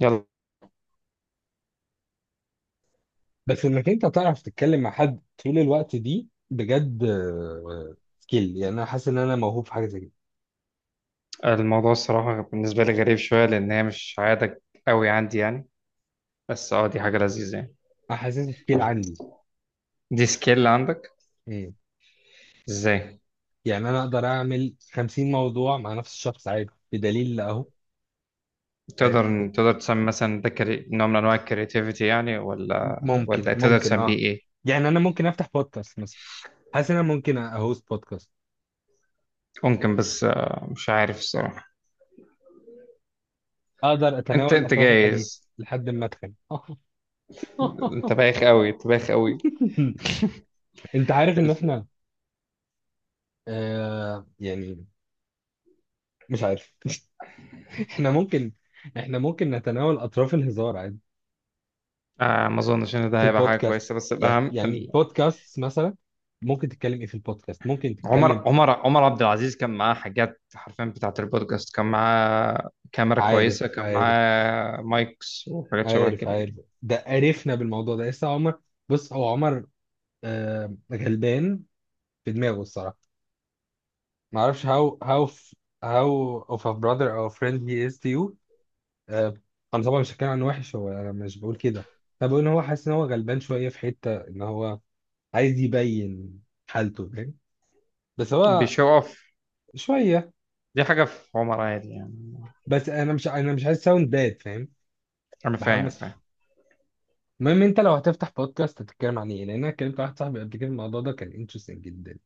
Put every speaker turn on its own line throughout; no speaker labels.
يلا،
بس انك انت تعرف تتكلم مع حد طول الوقت دي بجد، سكيل، يعني انا حاسس ان انا موهوب في حاجه زي كده.
الموضوع الصراحة بالنسبة لي غريب شوية لأن هي مش عادة قوي عندي يعني. بس اه، دي حاجة لذيذة يعني.
انا حاسس سكيل عندي.
دي سكيل عندك؟
مم.
ازاي؟
يعني انا اقدر اعمل 50 موضوع مع نفس الشخص عادي، بدليل اهو. فاهم؟
تقدر تسمي مثلا ده نوع من أنواع الكرياتيفيتي يعني، ولا
ممكن
ولا تقدر
ممكن
تسميه
اه.
إيه؟
يعني انا ممكن افتح بودكاست مثلا. حاسس ان انا ممكن اهوست بودكاست.
ممكن، بس مش عارف الصراحة.
اقدر
أنت
اتناول
أنت
اطراف الحديث
جايز.
لحد ما اتخن.
أنت بايخ قوي، أنت بايخ قوي.
انت عارف ان
الف...
احنا آه يعني مش عارف. احنا ممكن، احنا ممكن نتناول اطراف الهزار عادي،
آه، ما أظنش إن ده
في
هيبقى حاجة
البودكاست.
كويسة، بس
يعني
الأهم،
يعني بودكاست مثلا. ممكن تتكلم ايه في البودكاست؟ ممكن
عمر
تتكلم.
عمر عمر عبد العزيز كان معاه حاجات حرفيا بتاعة البودكاست، كان معاه كاميرا
عارف
كويسة، كان
عارف
معاه مايكس وحاجات شبه
عارف
كده
عارف
يعني.
ده عرفنا بالموضوع ده لسه عمر. بص، هو عمر غلبان في دماغه الصراحه. ما اعرفش how of a brother or friend he is to you. آه انا طبعا مش هتكلم عنه وحش، هو انا مش بقول كده. انا بقول ان هو حاسس ان هو غلبان شويه، في حته ان هو عايز يبين حالته. فاهم؟ بس هو
بيشو اوف،
شويه.
دي حاجة في عمر عادي يعني.
بس انا مش عايز ساوند باد، فاهم؟
أنا
بحاول
فاهم،
بس.
فاهم.
المهم، انت لو هتفتح بودكاست هتتكلم عن ايه؟ لان انا كلمت واحد صاحبي قبل كده الموضوع ده كان انترستنج جدا.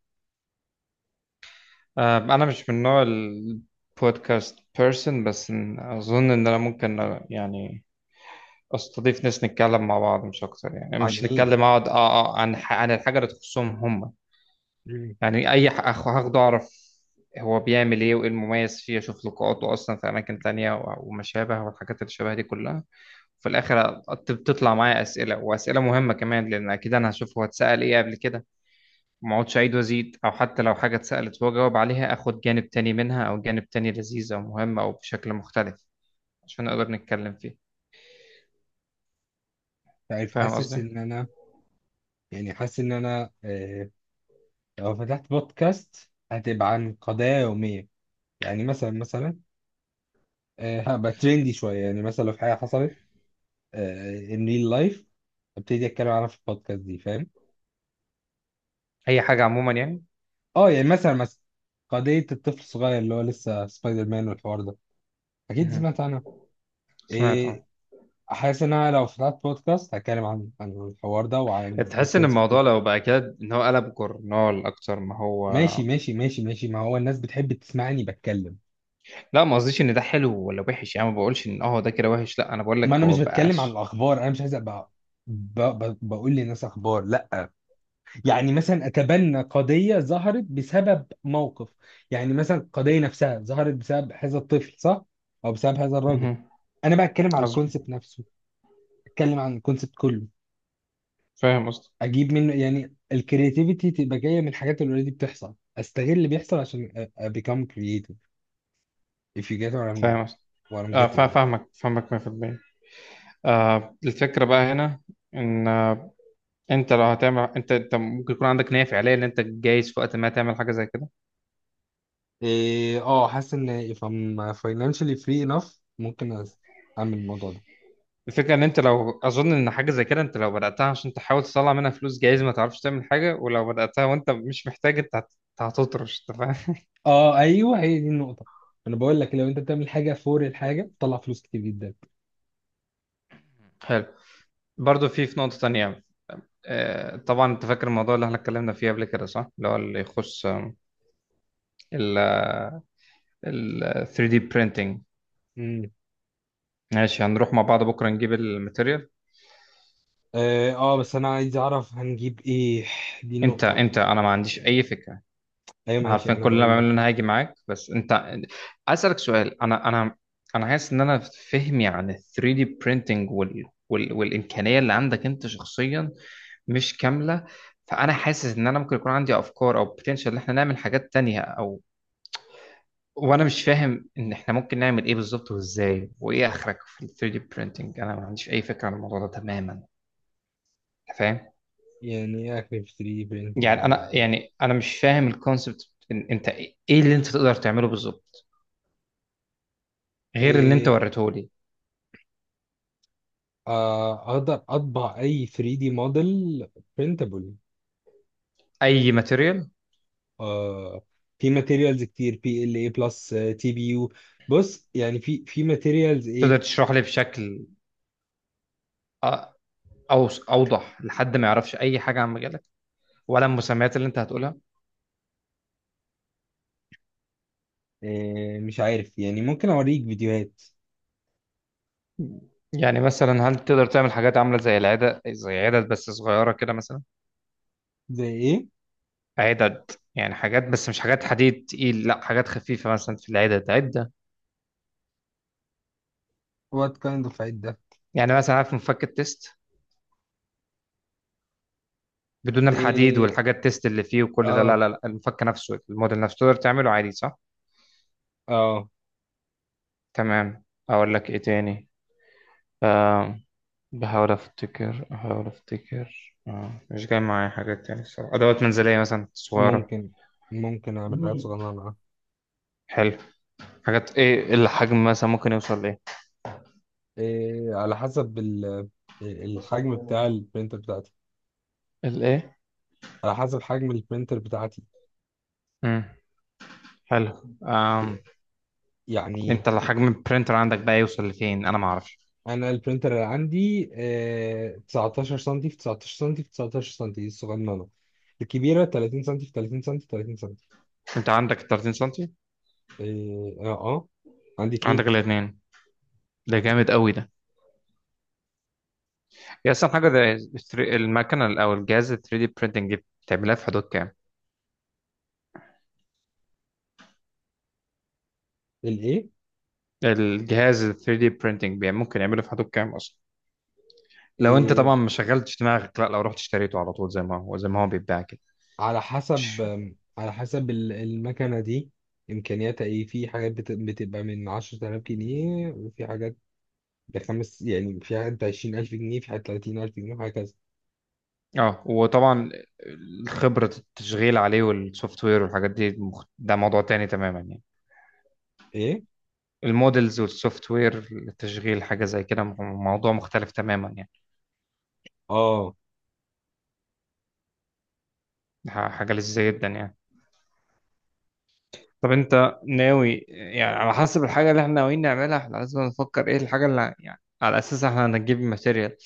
أنا مش من نوع البودكاست بيرسون، بس أظن إن أنا ممكن يعني أستضيف ناس نتكلم مع بعض مش أكتر يعني،
عن
مش
ايه؟
نتكلم أقعد عن عن الحاجة اللي تخصهم هم.
مم.
يعني اي هاخده اعرف هو بيعمل ايه وايه المميز فيه، اشوف لقاءاته اصلا في اماكن تانية وما شابه والحاجات اللي شبه دي كلها. وفي الاخر بتطلع معايا اسئله واسئله مهمه كمان، لان اكيد انا هشوف هو اتسال ايه قبل كده. ما اقعدش اعيد وازيد، او حتى لو حاجه اتسالت هو جاوب عليها اخد جانب تاني منها، او جانب تاني لذيذ او مهم او بشكل مختلف عشان نقدر نتكلم فيه.
عارف،
فاهم
حاسس
قصدي؟
ان انا، يعني حاسس ان انا، لو فتحت بودكاست هتبقى عن قضايا يوميه. يعني مثلا، هبقى ترندي شويه. يعني مثلا لو في حاجه حصلت، ان ريل لايف، ابتدي اتكلم عنها في البودكاست دي، فاهم؟
اي حاجه عموما يعني.
اه يعني مثلا، قضيه الطفل الصغير اللي هو لسه سبايدر مان والحوار ده، اكيد
مهم.
سمعت عنها.
سمعت
إيه،
اه.
حاسس ان انا لو فتحت بودكاست هتكلم عن الحوار ده وعن
تحس ان
الكونسبت
الموضوع
كله.
لو بقى كده ان هو قلب جورنال اكتر ما هو؟
ماشي. ما هو الناس بتحب تسمعني بتكلم.
لا، ما قصديش ان ده حلو ولا وحش يعني، ما بقولش ان اه ده كده وحش، لا، انا بقول
ما
لك
انا
هو
مش بتكلم عن
بقاش.
الاخبار، انا مش عايز ابقى بقول للناس اخبار، لا. يعني مثلا اتبنى قضيه ظهرت بسبب موقف. يعني مثلا القضيه نفسها ظهرت بسبب هذا الطفل، صح؟ او بسبب هذا الراجل.
مهم.
انا بقى اتكلم عن
قصدي،
الكونسبت نفسه. اتكلم عن الكونسبت كله.
فاهم قصدي،
اجيب منه، يعني الكرياتيفيتي تبقى جايه من الحاجات اللي اوريدي بتحصل. استغل اللي بيحصل عشان become creative, if you get what I'm,
فاهم قصدي،
what I'm
آه
getting.
فاهمك، فاهمك 100%. آه، الفكره بقى هنا ان انت لو هتعمل، انت ممكن يكون عندك نيه فعليه ان انت جايز في وقت ما تعمل حاجه زي كده.
إيه، اه حاسس ان if I'm financially free enough ممكن اعمل الموضوع ده.
الفكره ان انت لو، اظن ان حاجه زي كده، انت لو بداتها عشان تحاول تطلع منها فلوس جايز ما تعرفش تعمل حاجه، ولو بداتها وانت مش محتاج انت هتطرش، انت فاهم.
اه ايوه، هي دي النقطه. انا بقول لك لو انت بتعمل حاجه فور الحاجه، بتطلع فلوس كتير جدا.
حلو. برضه في نقطه تانيه. آه، طبعا انت فاكر الموضوع اللي احنا اتكلمنا فيه قبل كده صح؟ اللي هو اللي يخص ال ال 3D printing.
امم.
ماشي، هنروح مع بعض بكره نجيب الماتيريال.
اه، بس انا عايز اعرف هنجيب ايه، دي
انت
النقطه.
انت انا ما عنديش اي فكره.
ايوه
انا
ماشي،
عارفين
انا
كل اللي انا
بقول لك.
بعمله ان انا هاجي معاك، بس انت عايز اسالك سؤال. انا انا حاسس ان انا، فهمي عن ال 3D printing وال والامكانيه اللي عندك انت شخصيا مش كامله. فانا حاسس ان انا ممكن يكون عندي افكار او بوتنشال ان احنا نعمل حاجات تانية او، وانا مش فاهم ان احنا ممكن نعمل ايه بالظبط وازاي وايه اخرك في ال 3D printing. انا ما عنديش اي فكره عن الموضوع ده تماما. أنت فاهم؟
يعني اكل في 3 printing
يعني انا،
يعني.
يعني انا مش فاهم الكونسبت إن انت ايه، إيه اللي انت تقدر تعمله بالظبط غير اللي انت
إيه،
وريته لي؟
اقدر اطبع اي 3 دي موديل برينتابل.
اي ماتيريال؟
في ماتيريالز كتير، بي ال اي بلس، تي بي يو. بص يعني في ماتيريالز
تقدر
ايه.
تشرح لي بشكل أ- اوضح لحد ما يعرفش اي حاجه عن مجالك ولا المسميات اللي انت هتقولها؟
مش عارف، يعني ممكن اوريك فيديوهات.
يعني مثلا هل تقدر تعمل حاجات عامله زي العدد، زي عدد بس صغيره كده مثلا؟
زي ايه؟
عدد يعني حاجات، بس مش حاجات حديد تقيل، لا، حاجات خفيفة مثلا في العدد عدة.
وات كايند اوف عيد ده؟
يعني مثلا عارف مفك التيست؟ بدون الحديد
إيه،
والحاجات التيست اللي فيه وكل ده، لا
اه
لا لا، المفك نفسه، الموديل نفسه تقدر تعمله عادي صح؟
اه.
تمام. أقول لك إيه تاني. آم، بحاول أفتكر، بحاول أفتكر، مش جاي معايا حاجات تاني الصراحة. أدوات منزلية مثلا صغيرة.
ممكن ممكن اعمل حاجات
مم.
صغيرة معاه.
حلو. حاجات إيه الحجم مثلا ممكن يوصل لإيه؟
إيه على حسب الحجم بتاع البرينتر بتاعتي.
الإيه؟
على حسب حجم البرينتر بتاعتي.
مم. حلو. آم،
يعني
انت الحجم البرينتر عندك بقى يوصل لفين انا ما اعرفش.
انا البرينتر اللي عندي 19 سم في 19 سم في 19 سم، دي الصغننه. الكبيره 30 سم في 30 سم في 30 سم.
انت عندك 30 سنتي؟
اه اه عندي
عندك
اتنين.
الاثنين؟ ده جامد قوي ده. هي اصلا حاجه ده، المكنه او الجهاز ال 3D printing بتعملها في حدود كام؟
الايه؟
الجهاز ال 3D printing ممكن يعمله في حدود كام اصلا، لو انت طبعا
إيه
ما شغلتش دماغك، لا لو رحت اشتريته على طول زي ما هو، زي ما هو بيتباع كده؟
على حسب
مش-
على حسب المكنه دي امكانياتها ايه. في حاجات بتبقى من 10000 جنيه، وفي حاجات بخمس. يعني في حاجات ب 20000 جنيه، في حاجات 30000 جنيه وهكذا.
اه، وطبعا خبره التشغيل عليه والسوفت وير والحاجات دي ده موضوع تاني تماما يعني.
ايه
المودلز والسوفت وير للتشغيل حاجة زي كده، موضوع مختلف تماما يعني.
اه.
حاجة لذيذة جدا يعني. طب انت ناوي يعني، على حسب الحاجة اللي احنا ناويين نعملها احنا لازم نفكر ايه الحاجة اللي يعني على اساسها احنا هنجيب ماتيريال،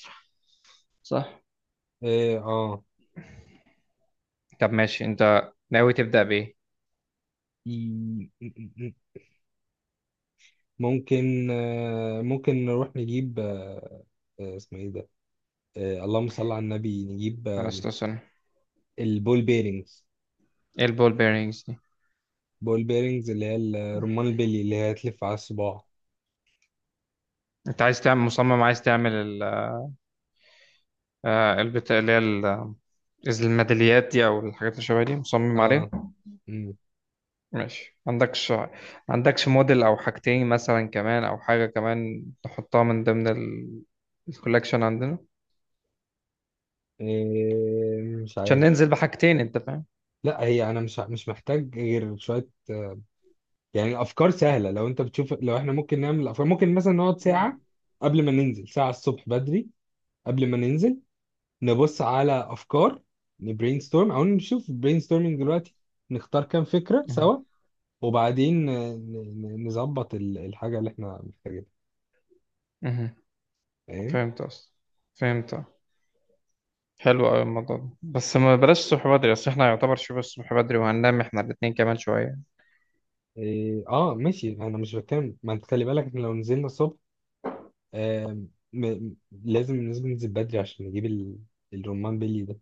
صح؟
ايه اه.
طب ماشي، انت ناوي تبدأ بايه؟
ممكن ممكن نروح نجيب، اسمه ايه ده؟ اللهم صل على النبي. نجيب
معلش لو، سوري.
البول بيرنجز.
ايه البول بيرنجز دي؟
بول بيرنجز اللي هي رمان البلي، اللي هي تلف على الصباع.
انت عايز تعمل، مصمم عايز تعمل البتاع اللي هي الميداليات دي او الحاجات اللي شبه دي مصمم عليها؟
اه. مم.
ماشي، عندكش، عندكش موديل او حاجتين مثلا كمان، او حاجة كمان تحطها من ضمن الكولكشن عندنا
مش
عشان
عارف.
ننزل بحاجتين، انت فاهم؟
لا، هي انا مش محتاج غير شويه يعني الافكار سهله. لو انت بتشوف لو احنا ممكن نعمل افكار، ممكن مثلا نقعد ساعه قبل ما ننزل، ساعه الصبح بدري قبل ما ننزل، نبص على افكار، نبرين ستورم، او نشوف برين ستورمنج دلوقتي، نختار كام فكره
مهم.
سوا. وبعدين نظبط الحاجه اللي احنا محتاجينها،
مهم.
فاهم؟
فهمت اصلا، فهمت. حلو قوي الموضوع ده، بس ما بلاش الصبح بدري اصل احنا يعتبر شبه الصبح بدري، وهننام احنا الاتنين كمان شوية.
إيه اه ماشي. انا مش بتكلم، ما انت خلي بالك، احنا لو نزلنا الصبح، آم، م- م- لازم ننزل بدري عشان نجيب الرمان بيلي ده.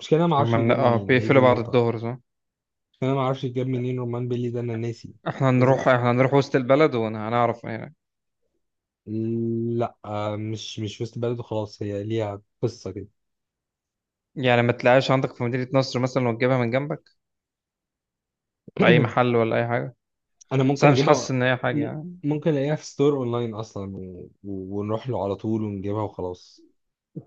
مش كده، انا ما اعرفش
هما
بيجاب
اه
منين، هي دي
بيقفلوا بعد
النقطه.
الظهر صح؟
مش كده، انا ما اعرفش بيجاب منين رمان بيلي ده، انا ناسي.
احنا
لازم
هنروح،
أسأل.
احنا هنروح وسط البلد وهنعرف هناك.
لا مش وسط بلد، خلاص هي ليها قصه كده.
يعني ما تلاقيش عندك في مدينة نصر مثلا وتجيبها من جنبك، في اي محل ولا اي حاجة؟
انا
بس
ممكن
انا مش حاسس
اجيبها.
ان هي حاجة
م-
يعني.
ممكن الاقيها في ستور اونلاين اصلا، ونروح له على طول ونجيبها وخلاص.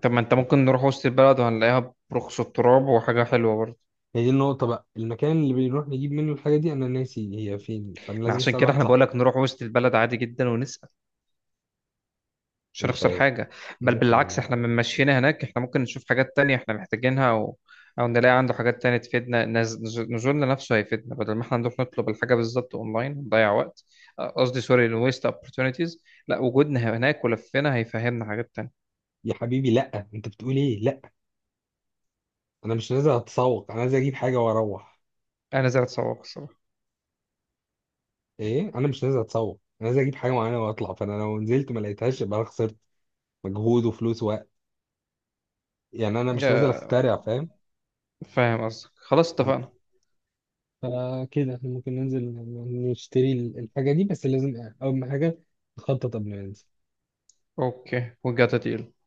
طب ما انت ممكن نروح وسط البلد وهنلاقيها برخص التراب، وحاجة حلوة برضه.
هي دي النقطة بقى، المكان اللي بنروح نجيب منه الحاجة دي انا ناسي هي فين، فانا
ما
لازم
عشان
اسأل
كده
واحد
احنا
صاحبي.
بقولك نروح وسط البلد عادي جدا ونسأل، مش
مش
هنخسر
عارف.
حاجة. بل
ممكن
بالعكس، احنا من مشينا هناك احنا ممكن نشوف حاجات تانية احنا محتاجينها، او، أو نلاقي عنده حاجات تانية تفيدنا، نزولنا نفسه هيفيدنا بدل ما احنا نروح نطلب الحاجة بالظبط اونلاين ونضيع وقت. اه، قصدي سوري، الويست opportunities. لا، وجودنا هناك ولفنا هيفهمنا حاجات تانية.
يا حبيبي لا، انت بتقول ايه؟ لا، انا مش نازل اتسوق، انا نازل اجيب حاجة واروح.
انا زي اتصور الصراحة.
ايه، انا مش نازل اتسوق، انا نازل اجيب حاجة معينة واطلع. فانا لو نزلت ما لقيتهاش يبقى انا خسرت مجهود وفلوس ووقت. يعني انا مش نازل اخترع،
اه،
فاهم؟
فاهم قصدك، خلاص اتفقنا.
فكده احنا ممكن ننزل نشتري الحاجة دي، بس لازم أول ما حاجة نخطط قبل ما ننزل.
اوكي، we got a deal.